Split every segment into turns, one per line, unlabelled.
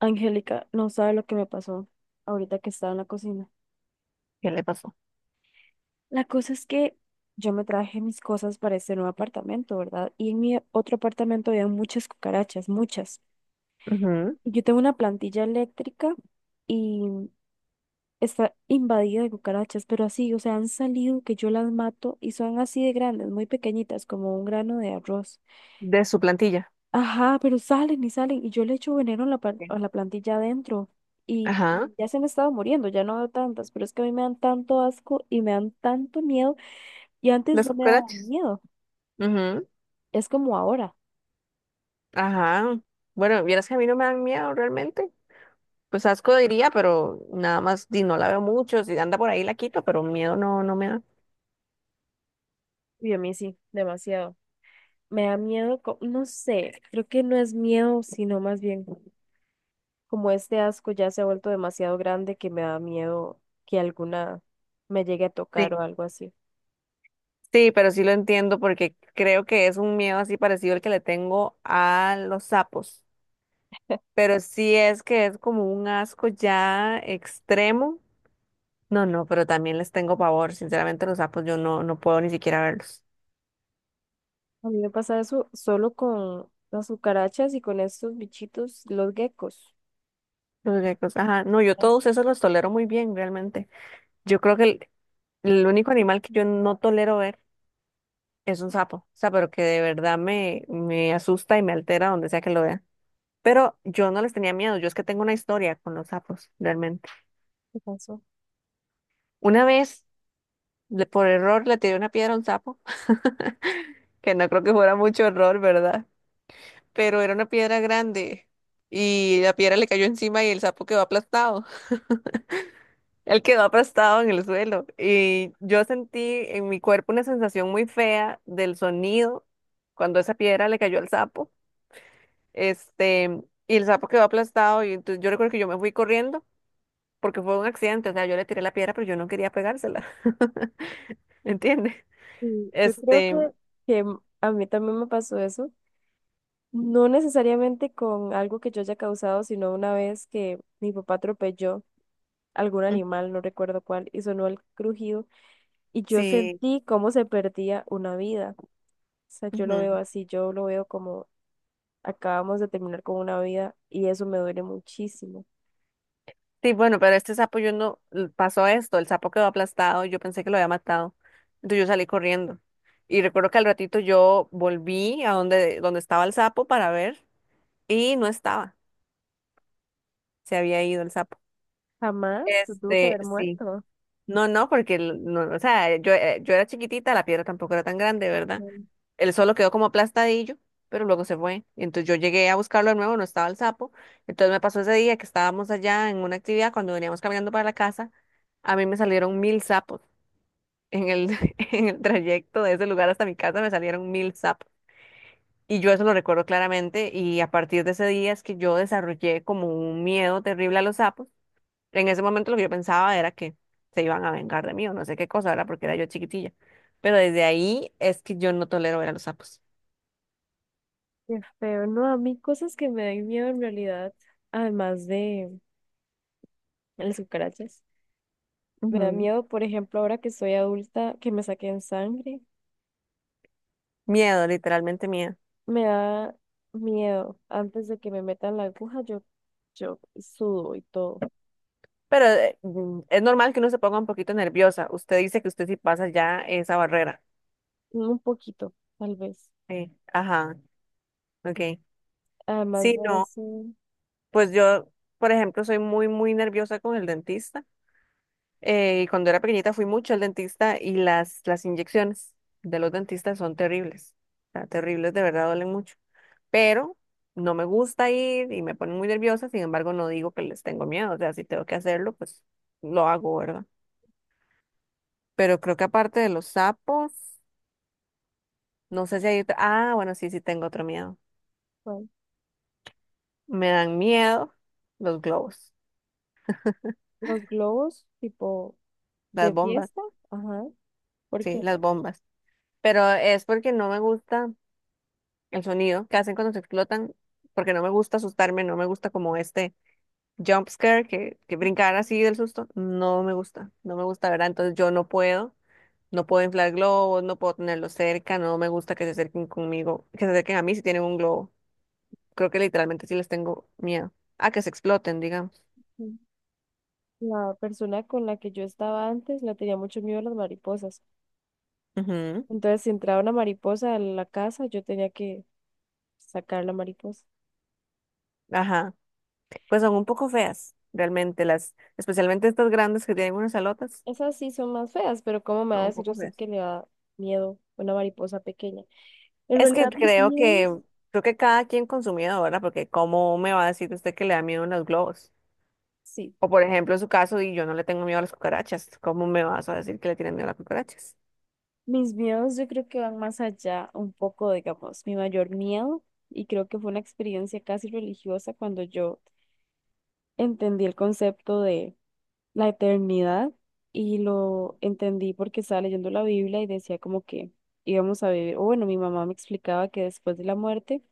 Angélica, no sabe lo que me pasó ahorita que estaba en la cocina.
¿Qué le pasó?
La cosa es que yo me traje mis cosas para este nuevo apartamento, ¿verdad? Y en mi otro apartamento había muchas cucarachas, muchas.
Ujú.
Yo tengo una plantilla eléctrica y está invadida de cucarachas, pero así, o sea, han salido que yo las mato y son así de grandes, muy pequeñitas, como un grano de arroz.
De su plantilla.
Ajá, pero salen y salen y yo le echo veneno a
¿Qué?
a la plantilla adentro y
Ajá.
ya se me estaba muriendo, ya no veo tantas, pero es que a mí me dan tanto asco y me dan tanto miedo y antes
Las
no me daba
cucarachas.
miedo,
Ujú.
es como ahora.
Ajá. Bueno, vieras que a mí no me dan miedo realmente. Pues asco diría, pero nada más, di, no la veo mucho. Si anda por ahí la quito, pero miedo no, no me da.
Y a mí sí, demasiado. Me da miedo, no sé, creo que no es miedo, sino más bien como este asco ya se ha vuelto demasiado grande que me da miedo que alguna me llegue a tocar
Sí.
o algo así.
Sí, pero sí lo entiendo porque creo que es un miedo así parecido al que le tengo a los sapos. Pero sí es que es como un asco ya extremo. No, no, pero también les tengo pavor. Sinceramente, los sapos yo no, no puedo ni siquiera verlos.
A mí me pasa eso solo con las cucarachas y con estos bichitos, los geckos.
Los geckos, ajá. No, yo
Eso
todos esos los tolero muy bien, realmente. Yo creo que el único animal que yo no tolero ver es un sapo. O sea, pero que de verdad me asusta y me altera donde sea que lo vea. Pero yo no les tenía miedo, yo es que tengo una historia con los sapos, realmente.
me pasó.
Una vez, por error, le tiré una piedra a un sapo, que no creo que fuera mucho error, ¿verdad? Pero era una piedra grande y la piedra le cayó encima y el sapo quedó aplastado. Él quedó aplastado en el suelo y yo sentí en mi cuerpo una sensación muy fea del sonido cuando esa piedra le cayó al sapo. Y el sapo quedó aplastado y entonces yo recuerdo que yo me fui corriendo porque fue un accidente, o sea, yo le tiré la piedra pero yo no quería pegársela. ¿Entiendes?
Y yo creo
Este,
que a mí también me pasó eso. No necesariamente con algo que yo haya causado, sino una vez que mi papá atropelló algún
ujú,
animal, no recuerdo cuál, y sonó el crujido, y yo
sí.
sentí cómo se perdía una vida. O sea, yo lo veo así, yo lo veo como acabamos de terminar con una vida, y eso me duele muchísimo.
Sí, bueno, pero este sapo yo no pasó esto, el sapo quedó aplastado, yo pensé que lo había matado, entonces yo salí corriendo. Y recuerdo que al ratito yo volví a donde estaba el sapo para ver y no estaba, se había ido el sapo.
Jamás se tuvo que haber
Sí.
muerto.
No, no, porque no, o sea, yo, yo era chiquitita, la piedra tampoco era tan grande, ¿verdad? Él solo quedó como aplastadillo, pero luego se fue. Y entonces yo llegué a buscarlo de nuevo, no estaba el sapo. Entonces me pasó ese día que estábamos allá en una actividad, cuando veníamos caminando para la casa, a mí me salieron mil sapos. En el, en el trayecto de ese lugar hasta mi casa me salieron mil sapos. Y yo eso lo recuerdo claramente y a partir de ese día es que yo desarrollé como un miedo terrible a los sapos. En ese momento lo que yo pensaba era que se iban a vengar de mí o no sé qué cosa, era porque era yo chiquitilla. Pero desde ahí es que yo no tolero ver a los sapos.
Qué feo, no, a mí cosas que me dan miedo en realidad, además de las cucarachas, me da
Ujú.
miedo, por ejemplo, ahora que soy adulta, que me saquen sangre,
Miedo, literalmente miedo.
me da miedo, antes de que me metan la aguja, yo sudo y todo,
Pero es normal que uno se ponga un poquito nerviosa. Usted dice que usted sí pasa ya esa barrera.
un poquito, tal vez,
Sí. Ajá, ok.
además
Sí,
de
no,
eso,
pues yo, por ejemplo, soy muy, muy nerviosa con el dentista. Y cuando era pequeñita fui mucho al dentista y las inyecciones de los dentistas son terribles. O sea, terribles, de verdad duelen mucho. Pero no me gusta ir y me ponen muy nerviosa. Sin embargo, no digo que les tengo miedo. O sea, si tengo que hacerlo, pues lo hago, ¿verdad? Pero creo que aparte de los sapos, no sé si hay otro. Ah, bueno, sí, sí tengo otro miedo.
bueno,
Me dan miedo los globos,
los globos, tipo, de
las bombas,
fiesta, ajá, ¿por
sí,
qué
las bombas. Pero es porque no me gusta el sonido que hacen cuando se explotan, porque no me gusta asustarme, no me gusta como este jump scare que brincar así del susto. No me gusta, no me gusta, ¿verdad? Entonces yo no puedo, no puedo inflar globos, no puedo tenerlos cerca, no me gusta que se acerquen conmigo, que se acerquen a mí si tienen un globo. Creo que literalmente sí les tengo miedo. A que se exploten, digamos.
la persona con la que yo estaba antes le tenía mucho miedo a las mariposas?
Ujú.
Entonces, si entraba una mariposa a la casa, yo tenía que sacar la mariposa.
Ajá. Pues son un poco feas, realmente, especialmente estas grandes que tienen unas alotas,
Esas sí son más feas, pero ¿cómo me va a
son un
decir
poco
usted
feas.
que le da miedo una mariposa pequeña? En
Es que
realidad, mis
creo que,
miedos,
creo que cada quien con su miedo, ¿verdad? Porque ¿cómo me va a decir usted que le da miedo a los globos?
sí,
O por ejemplo, en su caso, y yo no le tengo miedo a las cucarachas, ¿cómo me vas a decir que le tienen miedo a las cucarachas?
mis miedos yo creo que van más allá un poco, digamos, mi mayor miedo, y creo que fue una experiencia casi religiosa cuando yo entendí el concepto de la eternidad y lo entendí porque estaba leyendo la Biblia y decía como que íbamos a vivir, o bueno, mi mamá me explicaba que después de la muerte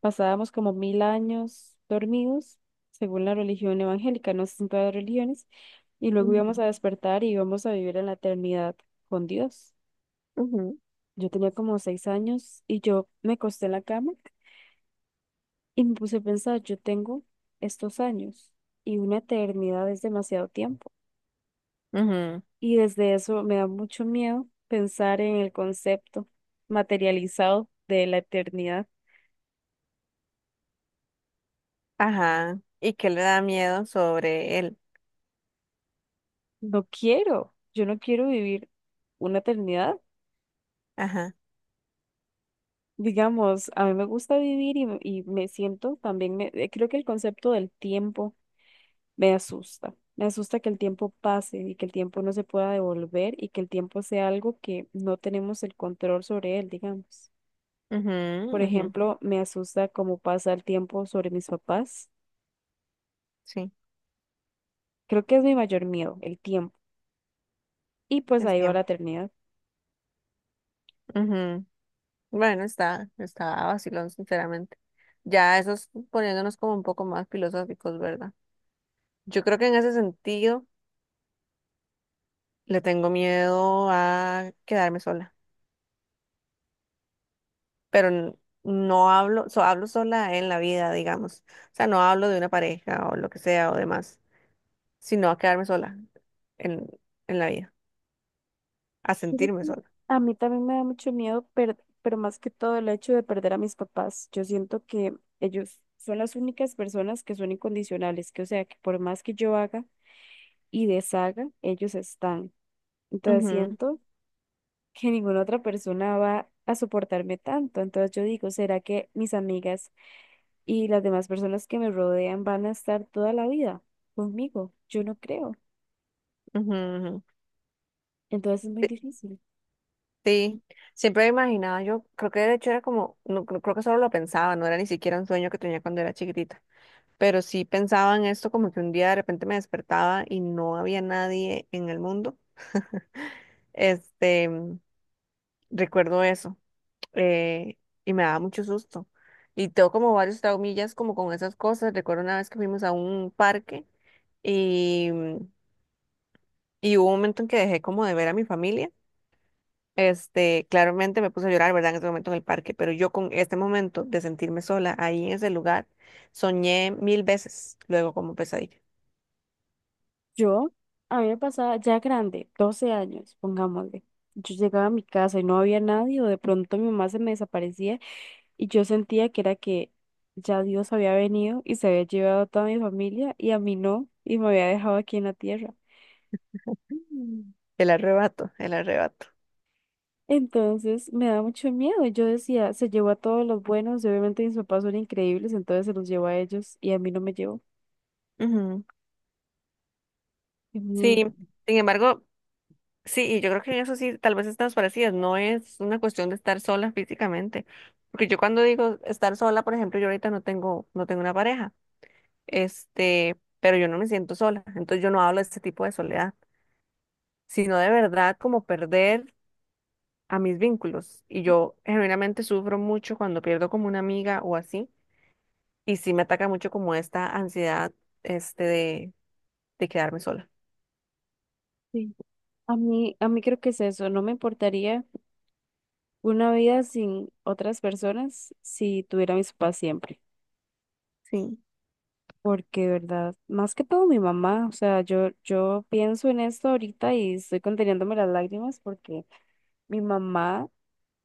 pasábamos como 1000 años dormidos, según la religión evangélica, no sé si en todas las religiones, y luego íbamos
Ujú,
a despertar y íbamos a vivir en la eternidad con Dios.
ujú,
Yo tenía como 6 años y yo me acosté en la cama y me puse a pensar, yo tengo estos años y una eternidad es demasiado tiempo.
ujú.
Y desde eso me da mucho miedo pensar en el concepto materializado de la eternidad.
Ajá. ¿Y qué le da miedo sobre él?
No quiero, yo no quiero vivir una eternidad.
Ajá.
Digamos, a mí me gusta vivir y me siento también, creo que el concepto del tiempo me asusta. Me asusta que el tiempo pase y que el tiempo no se pueda devolver y que el tiempo sea algo que no tenemos el control sobre él, digamos.
Ujú,
Por
ujú.
ejemplo, me asusta cómo pasa el tiempo sobre mis papás.
Sí,
Creo que es mi mayor miedo, el tiempo. Y pues
el
ahí va la
tiempo.
eternidad.
Ujú. Bueno, está vacilón, sinceramente. Ya eso es poniéndonos como un poco más filosóficos, ¿verdad? Yo creo que en ese sentido le tengo miedo a quedarme sola, pero no hablo, hablo sola en la vida, digamos. O sea, no hablo de una pareja o lo que sea o demás, sino a quedarme sola en, en la vida, a sentirme
Fíjate,
sola.
a mí también me da mucho miedo, pero más que todo el hecho de perder a mis papás. Yo siento que ellos son las únicas personas que son incondicionales, que o sea, que por más que yo haga y deshaga, ellos están. Entonces siento que ninguna otra persona va a soportarme tanto. Entonces yo digo, ¿será que mis amigas y las demás personas que me rodean van a estar toda la vida conmigo? Yo no creo.
Ujú, ujú, ujú.
Entonces es muy difícil.
Sí, siempre me imaginaba, yo creo que de hecho era como, no, creo que solo lo pensaba, no era ni siquiera un sueño que tenía cuando era chiquitita, pero sí pensaba en esto como que un día de repente me despertaba y no había nadie en el mundo. Este, recuerdo eso eh, y me daba mucho susto. Y tengo como varios traumillas como con esas cosas. Recuerdo una vez que fuimos a un parque y, y hubo un momento en que dejé como de ver a mi familia. Claramente me puse a llorar, ¿verdad? En ese momento en el parque, pero yo con este momento de sentirme sola ahí en ese lugar, soñé mil veces, luego como pesadilla.
Yo, a mí me pasaba ya grande, 12 años, pongámosle. Yo llegaba a mi casa y no había nadie, o de pronto mi mamá se me desaparecía y yo sentía que era que ya Dios había venido y se había llevado a toda mi familia y a mí no, y me había dejado aquí en la tierra.
Mm. El arrebato, el arrebato.
Entonces me da mucho miedo. Yo decía, se llevó a todos los buenos, y obviamente mis papás son increíbles, entonces se los llevó a ellos y a mí no me llevó.
Ujú.
Y a mí-
Sí, sin embargo, sí, y yo creo que en eso sí, tal vez estamos parecidas, no es una cuestión de estar sola físicamente, porque yo cuando digo estar sola, por ejemplo, yo ahorita no tengo, no tengo una pareja, pero yo no me siento sola, entonces yo no hablo de este tipo de soledad, sino de verdad como perder a mis vínculos. Y yo genuinamente sufro mucho cuando pierdo como una amiga o así. Y sí me ataca mucho como esta ansiedad este de, de quedarme sola.
Sí. A mí creo que es eso, no me importaría una vida sin otras personas, si tuviera a mis papás siempre.
Sí,
Porque, de verdad, más que todo mi mamá, o sea, yo pienso en esto ahorita y estoy conteniéndome las lágrimas porque mi mamá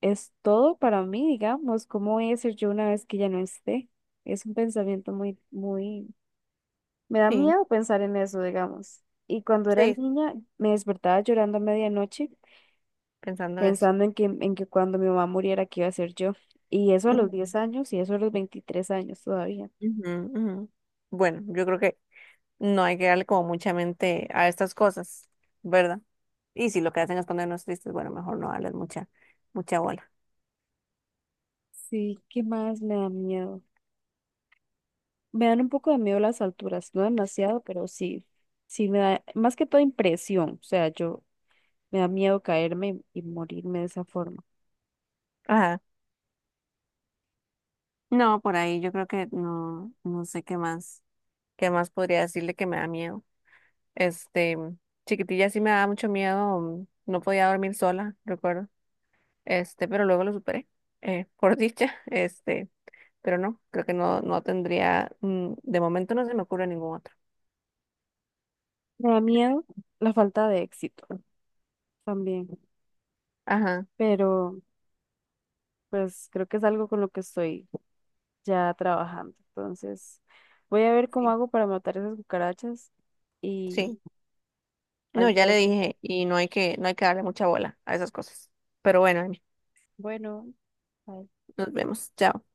es todo para mí, digamos, ¿cómo voy a ser yo una vez que ya no esté? Es un pensamiento me da
sí.
miedo pensar en eso, digamos. Y cuando era
Sí,
niña, me despertaba llorando a medianoche
pensando en eso.
pensando en que cuando mi mamá muriera, ¿qué iba a ser yo? Y eso a los
Ujú,
10 años y eso a los 23 años todavía.
ujú, ujú. Bueno, yo creo que no hay que darle como mucha mente a estas cosas, ¿verdad? Y si lo que hacen es ponernos tristes, bueno, mejor no darles mucha bola.
Sí, ¿qué más me da miedo? Me dan un poco de miedo las alturas, no demasiado, pero sí, sí me da más que todo impresión, o sea, yo me da miedo caerme y morirme de esa forma.
Ajá. No, por ahí yo creo que no, no sé qué más podría decirle que me da miedo. Este, chiquitilla sí me daba mucho miedo, no podía dormir sola, recuerdo. Pero luego lo superé, por dicha. Pero no, creo que no, no tendría, de momento no se me ocurre ningún otro.
Me da miedo la falta de éxito también,
Ajá,
pero pues creo que es algo con lo que estoy ya trabajando. Entonces, voy a ver cómo
sí,
hago para matar esas cucarachas y
sí.
ahí
No,
te
ya le
aviso.
dije, y no hay que, no hay que darle mucha bola a esas cosas. Pero bueno, Amy,
Bueno, bye.
nos vemos. Chao.